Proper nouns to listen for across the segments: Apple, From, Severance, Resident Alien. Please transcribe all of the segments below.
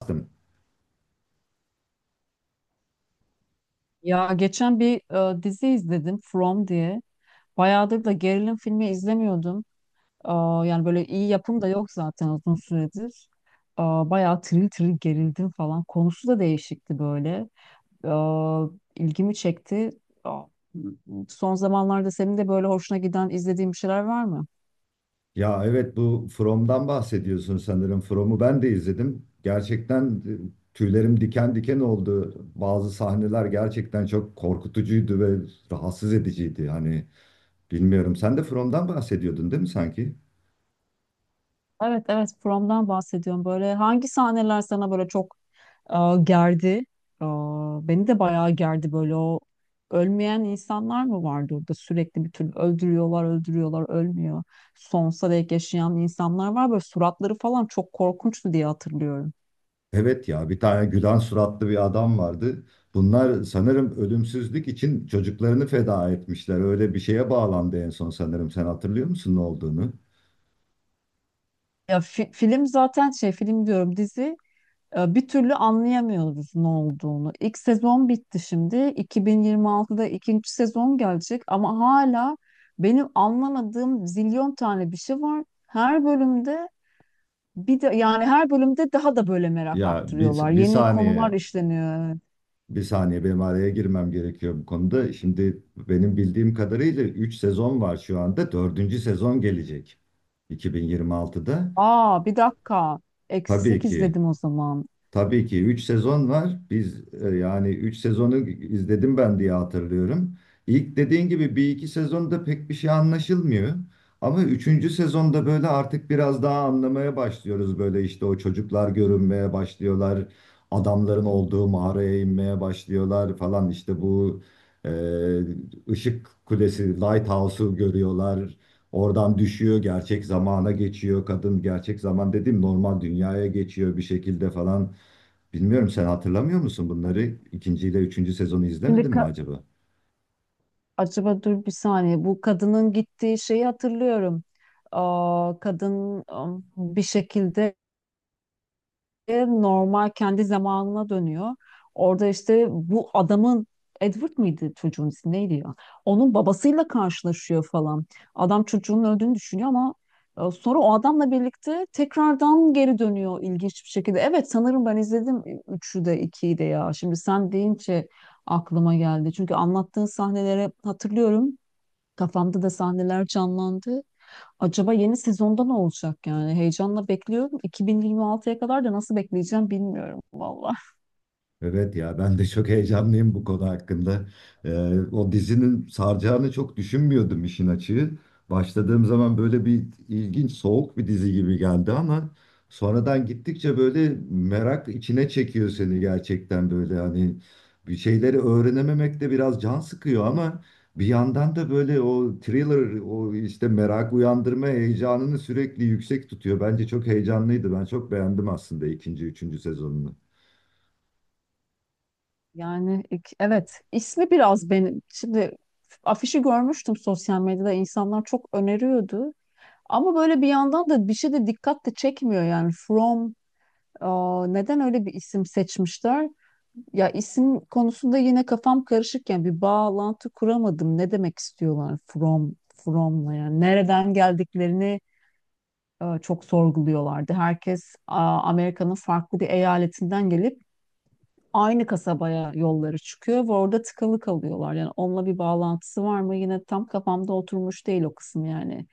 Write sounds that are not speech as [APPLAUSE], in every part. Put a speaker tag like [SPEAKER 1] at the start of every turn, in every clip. [SPEAKER 1] Bastım.
[SPEAKER 2] Ya geçen bir dizi izledim, From diye. Bayağıdır da gerilim filmi izlemiyordum. Yani böyle iyi yapım da yok zaten uzun süredir. Bayağı tril tril gerildim falan. Konusu da değişikti böyle. Aa, ilgimi çekti. Aa, Son zamanlarda senin de böyle hoşuna giden izlediğin bir şeyler var mı?
[SPEAKER 1] Evet, bu From'dan bahsediyorsun sanırım. From'u ben de izledim. Gerçekten tüylerim diken diken oldu. Bazı sahneler gerçekten çok korkutucuydu ve rahatsız ediciydi. Hani bilmiyorum. Sen de From'dan bahsediyordun değil mi sanki?
[SPEAKER 2] Evet, evet, From'dan bahsediyorum. Böyle hangi sahneler sana böyle çok gerdi. Beni de bayağı gerdi böyle. O ölmeyen insanlar mı vardı orada sürekli? Bir türlü öldürüyorlar, öldürüyorlar, ölmüyor. Sonsuza dek yaşayan insanlar var böyle, suratları falan çok korkunçtu diye hatırlıyorum.
[SPEAKER 1] Evet ya, bir tane gülen suratlı bir adam vardı. Bunlar sanırım ölümsüzlük için çocuklarını feda etmişler. Öyle bir şeye bağlandı en son sanırım. Sen hatırlıyor musun ne olduğunu?
[SPEAKER 2] Film, zaten şey, film diyorum, dizi bir türlü anlayamıyoruz ne olduğunu. İlk sezon bitti, şimdi 2026'da ikinci sezon gelecek ama hala benim anlamadığım zilyon tane bir şey var. Her bölümde bir de yani her bölümde daha da böyle merak
[SPEAKER 1] Ya bir,
[SPEAKER 2] arttırıyorlar.
[SPEAKER 1] bir
[SPEAKER 2] Yeni konular
[SPEAKER 1] saniye.
[SPEAKER 2] işleniyor.
[SPEAKER 1] Bir saniye, benim araya girmem gerekiyor bu konuda. Şimdi benim bildiğim kadarıyla 3 sezon var şu anda. 4. sezon gelecek 2026'da.
[SPEAKER 2] Aa, bir dakika.
[SPEAKER 1] Tabii
[SPEAKER 2] Eksik
[SPEAKER 1] ki
[SPEAKER 2] izledim o zaman.
[SPEAKER 1] Tabii ki 3 sezon var. Biz yani 3 sezonu izledim ben diye hatırlıyorum. İlk dediğin gibi bir iki sezonda pek bir şey anlaşılmıyor. Ama üçüncü sezonda böyle artık biraz daha anlamaya başlıyoruz. Böyle işte o çocuklar görünmeye başlıyorlar. Adamların olduğu mağaraya inmeye başlıyorlar falan. İşte bu e, ışık kulesi, lighthouse'u görüyorlar. Oradan düşüyor, gerçek zamana geçiyor. Kadın, gerçek zaman dediğim, normal dünyaya geçiyor bir şekilde falan. Bilmiyorum, sen hatırlamıyor musun bunları? İkinci ile üçüncü sezonu
[SPEAKER 2] Şimdi
[SPEAKER 1] izlemedin mi
[SPEAKER 2] ka-
[SPEAKER 1] acaba?
[SPEAKER 2] Acaba, dur bir saniye. Bu kadının gittiği şeyi hatırlıyorum. Kadın bir şekilde normal kendi zamanına dönüyor. Orada işte bu adamın, Edward mıydı çocuğun ismi, neydi ya? Onun babasıyla karşılaşıyor falan. Adam çocuğun öldüğünü düşünüyor ama sonra o adamla birlikte tekrardan geri dönüyor ilginç bir şekilde. Evet, sanırım ben izledim, üçü de 2'yi de ya. Şimdi sen deyince aklıma geldi. Çünkü anlattığın sahneleri hatırlıyorum. Kafamda da sahneler canlandı. Acaba yeni sezonda ne olacak yani? Heyecanla bekliyorum. 2026'ya kadar da nasıl bekleyeceğim bilmiyorum valla.
[SPEAKER 1] Evet ya, ben de çok heyecanlıyım bu konu hakkında. Ee, O dizinin saracağını çok düşünmüyordum, işin açığı. Başladığım zaman böyle bir ilginç, soğuk bir dizi gibi geldi ama sonradan gittikçe böyle merak içine çekiyor seni gerçekten. Böyle hani bir şeyleri öğrenememek de biraz can sıkıyor ama bir yandan da böyle o thriller, o işte merak uyandırma heyecanını sürekli yüksek tutuyor. Bence çok heyecanlıydı. Ben çok beğendim aslında ikinci, üçüncü sezonunu.
[SPEAKER 2] Evet, ismi biraz benim. Şimdi afişi görmüştüm, sosyal medyada insanlar çok öneriyordu. Ama böyle bir yandan da bir şey de dikkat de çekmiyor yani. From, neden öyle bir isim seçmişler? Ya isim konusunda yine kafam karışırken bir bağlantı kuramadım. Ne demek istiyorlar from from'la, yani nereden geldiklerini çok sorguluyorlardı. Herkes Amerika'nın farklı bir eyaletinden gelip aynı kasabaya yolları çıkıyor ve orada tıkalı kalıyorlar. Yani onunla bir bağlantısı var mı? Yine tam kafamda oturmuş değil o kısım yani.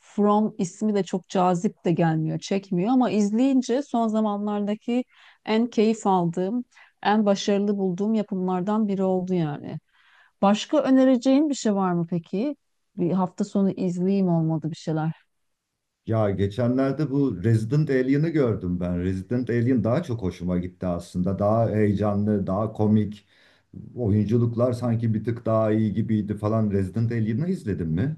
[SPEAKER 2] From ismi de çok cazip de gelmiyor, çekmiyor ama izleyince son zamanlardaki en keyif aldığım, en başarılı bulduğum yapımlardan biri oldu yani. Başka önereceğin bir şey var mı peki? Bir hafta sonu izleyeyim, olmadı, bir şeyler.
[SPEAKER 1] Ya geçenlerde bu Resident Alien'ı gördüm ben. Resident Alien daha çok hoşuma gitti aslında. Daha heyecanlı, daha komik. Oyunculuklar sanki bir tık daha iyi gibiydi falan. Resident Alien'ı izledin mi?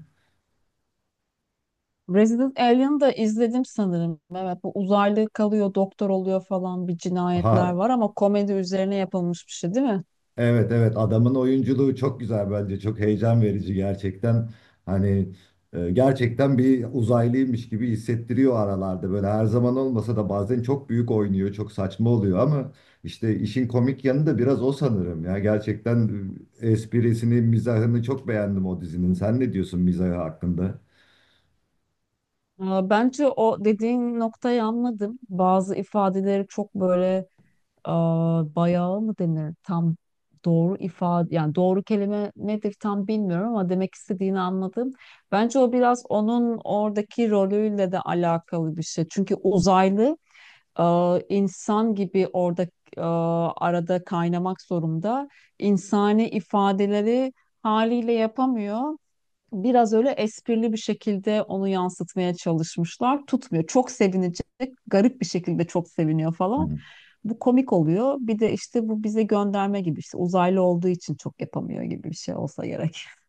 [SPEAKER 2] Resident Alien'ı da izledim sanırım. Evet, bu uzaylı kalıyor, doktor oluyor falan, bir cinayetler
[SPEAKER 1] Ha,
[SPEAKER 2] var ama komedi üzerine yapılmış bir şey değil mi?
[SPEAKER 1] Evet, evet, adamın oyunculuğu çok güzel. Bence çok heyecan verici gerçekten. Hani gerçekten bir uzaylıymış gibi hissettiriyor aralarda. Böyle her zaman olmasa da bazen çok büyük oynuyor, çok saçma oluyor ama işte işin komik yanı da biraz o sanırım ya. Gerçekten esprisini, mizahını çok beğendim o dizinin. Sen ne diyorsun mizahı hakkında?
[SPEAKER 2] Bence o dediğin noktayı anladım. Bazı ifadeleri çok böyle, bayağı mı denir? Tam doğru ifade, yani doğru kelime nedir tam bilmiyorum ama demek istediğini anladım. Bence o biraz onun oradaki rolüyle de alakalı bir şey. Çünkü uzaylı e, insan gibi orada e, arada kaynamak zorunda. İnsani ifadeleri haliyle yapamıyor. Biraz öyle esprili bir şekilde onu yansıtmaya çalışmışlar. Tutmuyor. Çok sevinecek, garip bir şekilde çok seviniyor
[SPEAKER 1] Hı.
[SPEAKER 2] falan. Bu komik oluyor. Bir de işte bu bize gönderme gibi, işte uzaylı olduğu için çok yapamıyor gibi bir şey olsa gerek. [LAUGHS]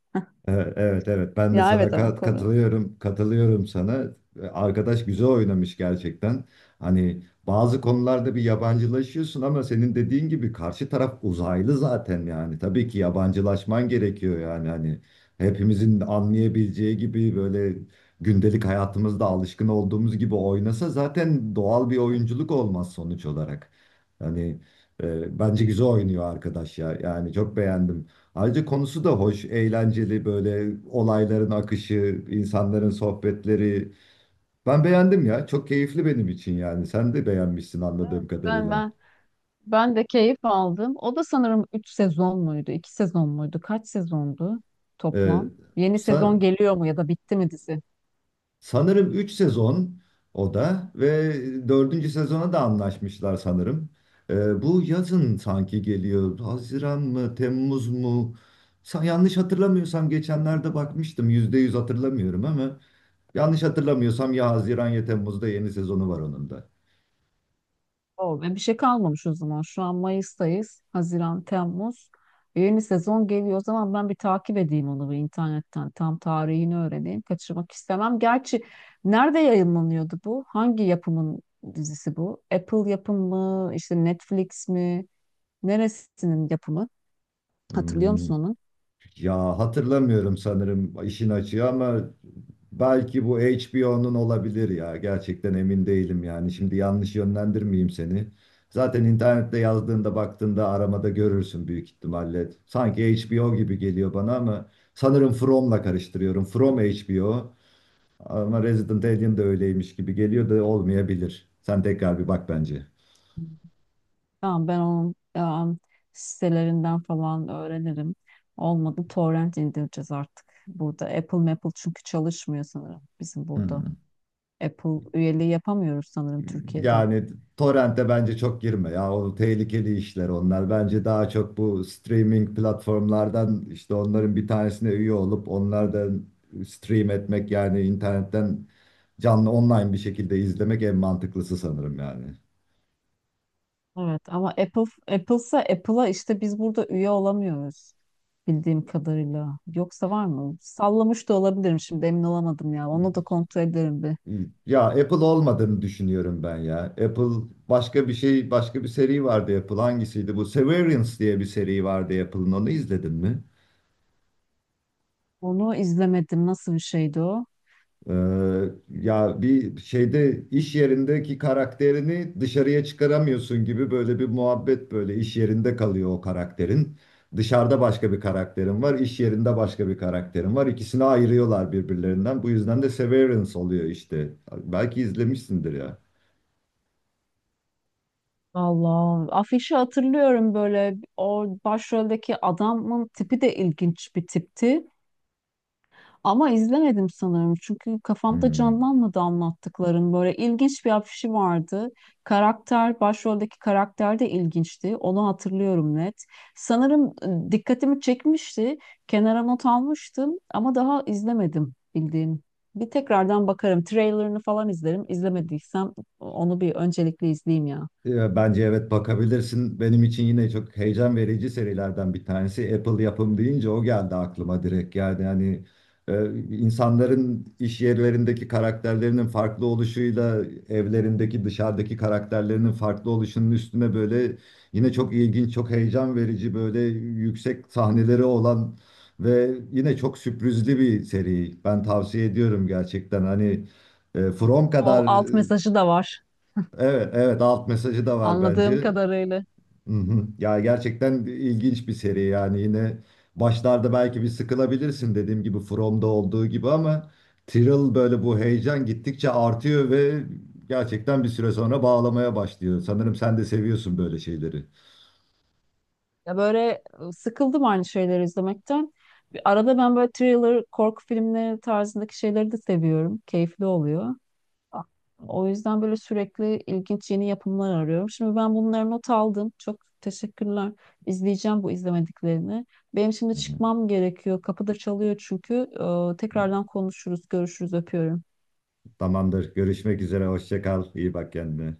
[SPEAKER 1] Evet, evet, evet. Ben de
[SPEAKER 2] Ya
[SPEAKER 1] sana
[SPEAKER 2] evet, ama konu
[SPEAKER 1] katılıyorum, sana. Arkadaş güzel oynamış gerçekten. Hani bazı konularda bir yabancılaşıyorsun ama senin dediğin gibi karşı taraf uzaylı zaten yani. Tabii ki yabancılaşman gerekiyor yani. Hani hepimizin anlayabileceği gibi, böyle gündelik hayatımızda alışkın olduğumuz gibi oynasa zaten doğal bir oyunculuk olmaz sonuç olarak. Hani bence güzel oynuyor arkadaş ya. Yani çok beğendim. Ayrıca konusu da hoş, eğlenceli; böyle olayların akışı, insanların sohbetleri. Ben beğendim ya. Çok keyifli benim için yani. Sen de beğenmişsin
[SPEAKER 2] Evet
[SPEAKER 1] anladığım
[SPEAKER 2] Ben
[SPEAKER 1] kadarıyla.
[SPEAKER 2] ben ben de keyif aldım. O da sanırım 3 sezon muydu, 2 sezon muydu? Kaç sezondu
[SPEAKER 1] Ee,
[SPEAKER 2] toplam? Yeni
[SPEAKER 1] sa-
[SPEAKER 2] sezon geliyor mu ya da bitti mi dizi?
[SPEAKER 1] Sanırım 3 sezon o da, ve dördüncü sezona da anlaşmışlar sanırım. Bu yazın sanki geliyor. Haziran mı, Temmuz mu? Yanlış hatırlamıyorsam geçenlerde bakmıştım. Yüzde yüz hatırlamıyorum ama yanlış hatırlamıyorsam ya Haziran ya Temmuz'da yeni sezonu var onun da.
[SPEAKER 2] O, ve bir şey kalmamış o zaman. Şu an Mayıs'tayız. Haziran, Temmuz. Yeni sezon geliyor. O zaman ben bir takip edeyim onu bir internetten. Tam tarihini öğreneyim. Kaçırmak istemem. Gerçi nerede yayınlanıyordu bu? Hangi yapımın dizisi bu? Apple yapımı mı? İşte Netflix mi? Neresinin yapımı? Hatırlıyor
[SPEAKER 1] Hmm,
[SPEAKER 2] musun onu?
[SPEAKER 1] ya hatırlamıyorum sanırım, işin açığı, ama belki bu HBO'nun olabilir ya. Gerçekten emin değilim yani. Şimdi yanlış yönlendirmeyeyim seni. Zaten internette yazdığında, baktığında aramada görürsün büyük ihtimalle. Sanki HBO gibi geliyor bana ama sanırım From'la karıştırıyorum. From HBO ama Resident Alien de öyleymiş gibi geliyor, da olmayabilir. Sen tekrar bir bak bence.
[SPEAKER 2] Tamam, ben onun sitelerinden falan öğrenirim. Olmadı, torrent indireceğiz artık. Burada Apple Maple çünkü çalışmıyor sanırım bizim burada.
[SPEAKER 1] Hmm.
[SPEAKER 2] Apple üyeliği yapamıyoruz sanırım Türkiye'de.
[SPEAKER 1] Yani torrente bence çok girme ya, o tehlikeli işler onlar. Bence daha çok bu streaming platformlardan, işte onların bir tanesine üye olup onlardan stream etmek, yani internetten canlı online bir şekilde izlemek en mantıklısı sanırım yani.
[SPEAKER 2] Evet ama Apple, Apple'sa Apple'a işte biz burada üye olamıyoruz bildiğim kadarıyla. Yoksa var mı? Sallamış da olabilirim, şimdi emin olamadım ya. Onu da kontrol ederim bir.
[SPEAKER 1] Ya Apple olmadığını düşünüyorum ben ya. Apple başka bir şey, başka bir seri vardı Apple. Hangisiydi bu? Severance diye bir seri vardı Apple'ın, onu izledin mi?
[SPEAKER 2] Onu izlemedim. Nasıl bir şeydi o?
[SPEAKER 1] Ee, ya bir şeyde iş yerindeki karakterini dışarıya çıkaramıyorsun gibi böyle bir muhabbet. Böyle iş yerinde kalıyor o karakterin. Dışarıda başka bir karakterin var, iş yerinde başka bir karakterin var. İkisini ayırıyorlar birbirlerinden. Bu yüzden de Severance oluyor işte. Belki izlemişsindir ya.
[SPEAKER 2] Allah. Afişi hatırlıyorum böyle. O başroldeki adamın tipi de ilginç bir tipti. Ama izlemedim sanırım. Çünkü kafamda
[SPEAKER 1] Hmm.
[SPEAKER 2] canlanmadı anlattıkların. Böyle ilginç bir afişi vardı. Karakter, başroldeki karakter de ilginçti. Onu hatırlıyorum net. Sanırım dikkatimi çekmişti. Kenara not almıştım ama daha izlemedim bildiğim. Bir tekrardan bakarım. Trailerını falan izlerim. İzlemediysem onu bir öncelikle izleyeyim ya.
[SPEAKER 1] Bence evet, bakabilirsin. Benim için yine çok heyecan verici serilerden bir tanesi. Apple yapım deyince o geldi aklıma direkt. Yani hani e, insanların iş yerlerindeki karakterlerinin farklı oluşuyla evlerindeki, dışarıdaki karakterlerinin farklı oluşunun üstüne böyle yine çok ilginç, çok heyecan verici, böyle yüksek sahneleri olan ve yine çok sürprizli bir seri. Ben tavsiye ediyorum gerçekten. Hani From
[SPEAKER 2] O
[SPEAKER 1] kadar.
[SPEAKER 2] alt mesajı da var.
[SPEAKER 1] Evet, evet, alt mesajı da var
[SPEAKER 2] Anladığım
[SPEAKER 1] bence.
[SPEAKER 2] kadarıyla.
[SPEAKER 1] Hı hı. Ya gerçekten ilginç bir seri yani. Yine başlarda belki bir sıkılabilirsin dediğim gibi, From'da olduğu gibi, ama Tyrell böyle bu heyecan gittikçe artıyor ve gerçekten bir süre sonra bağlamaya başlıyor. Sanırım sen de seviyorsun böyle şeyleri.
[SPEAKER 2] Ya böyle sıkıldım aynı şeyleri izlemekten. Bir arada ben böyle thriller, korku filmleri tarzındaki şeyleri de seviyorum. Keyifli oluyor. A- O yüzden böyle sürekli ilginç yeni yapımlar arıyorum. Şimdi ben bunları not aldım. Çok teşekkürler. İzleyeceğim bu izlemediklerini. Benim şimdi
[SPEAKER 1] Hı hı.
[SPEAKER 2] çıkmam gerekiyor. Kapıda çalıyor çünkü. Tekrardan konuşuruz, görüşürüz, öpüyorum.
[SPEAKER 1] Tamamdır. Görüşmek üzere. Hoşça kal. İyi bak kendine.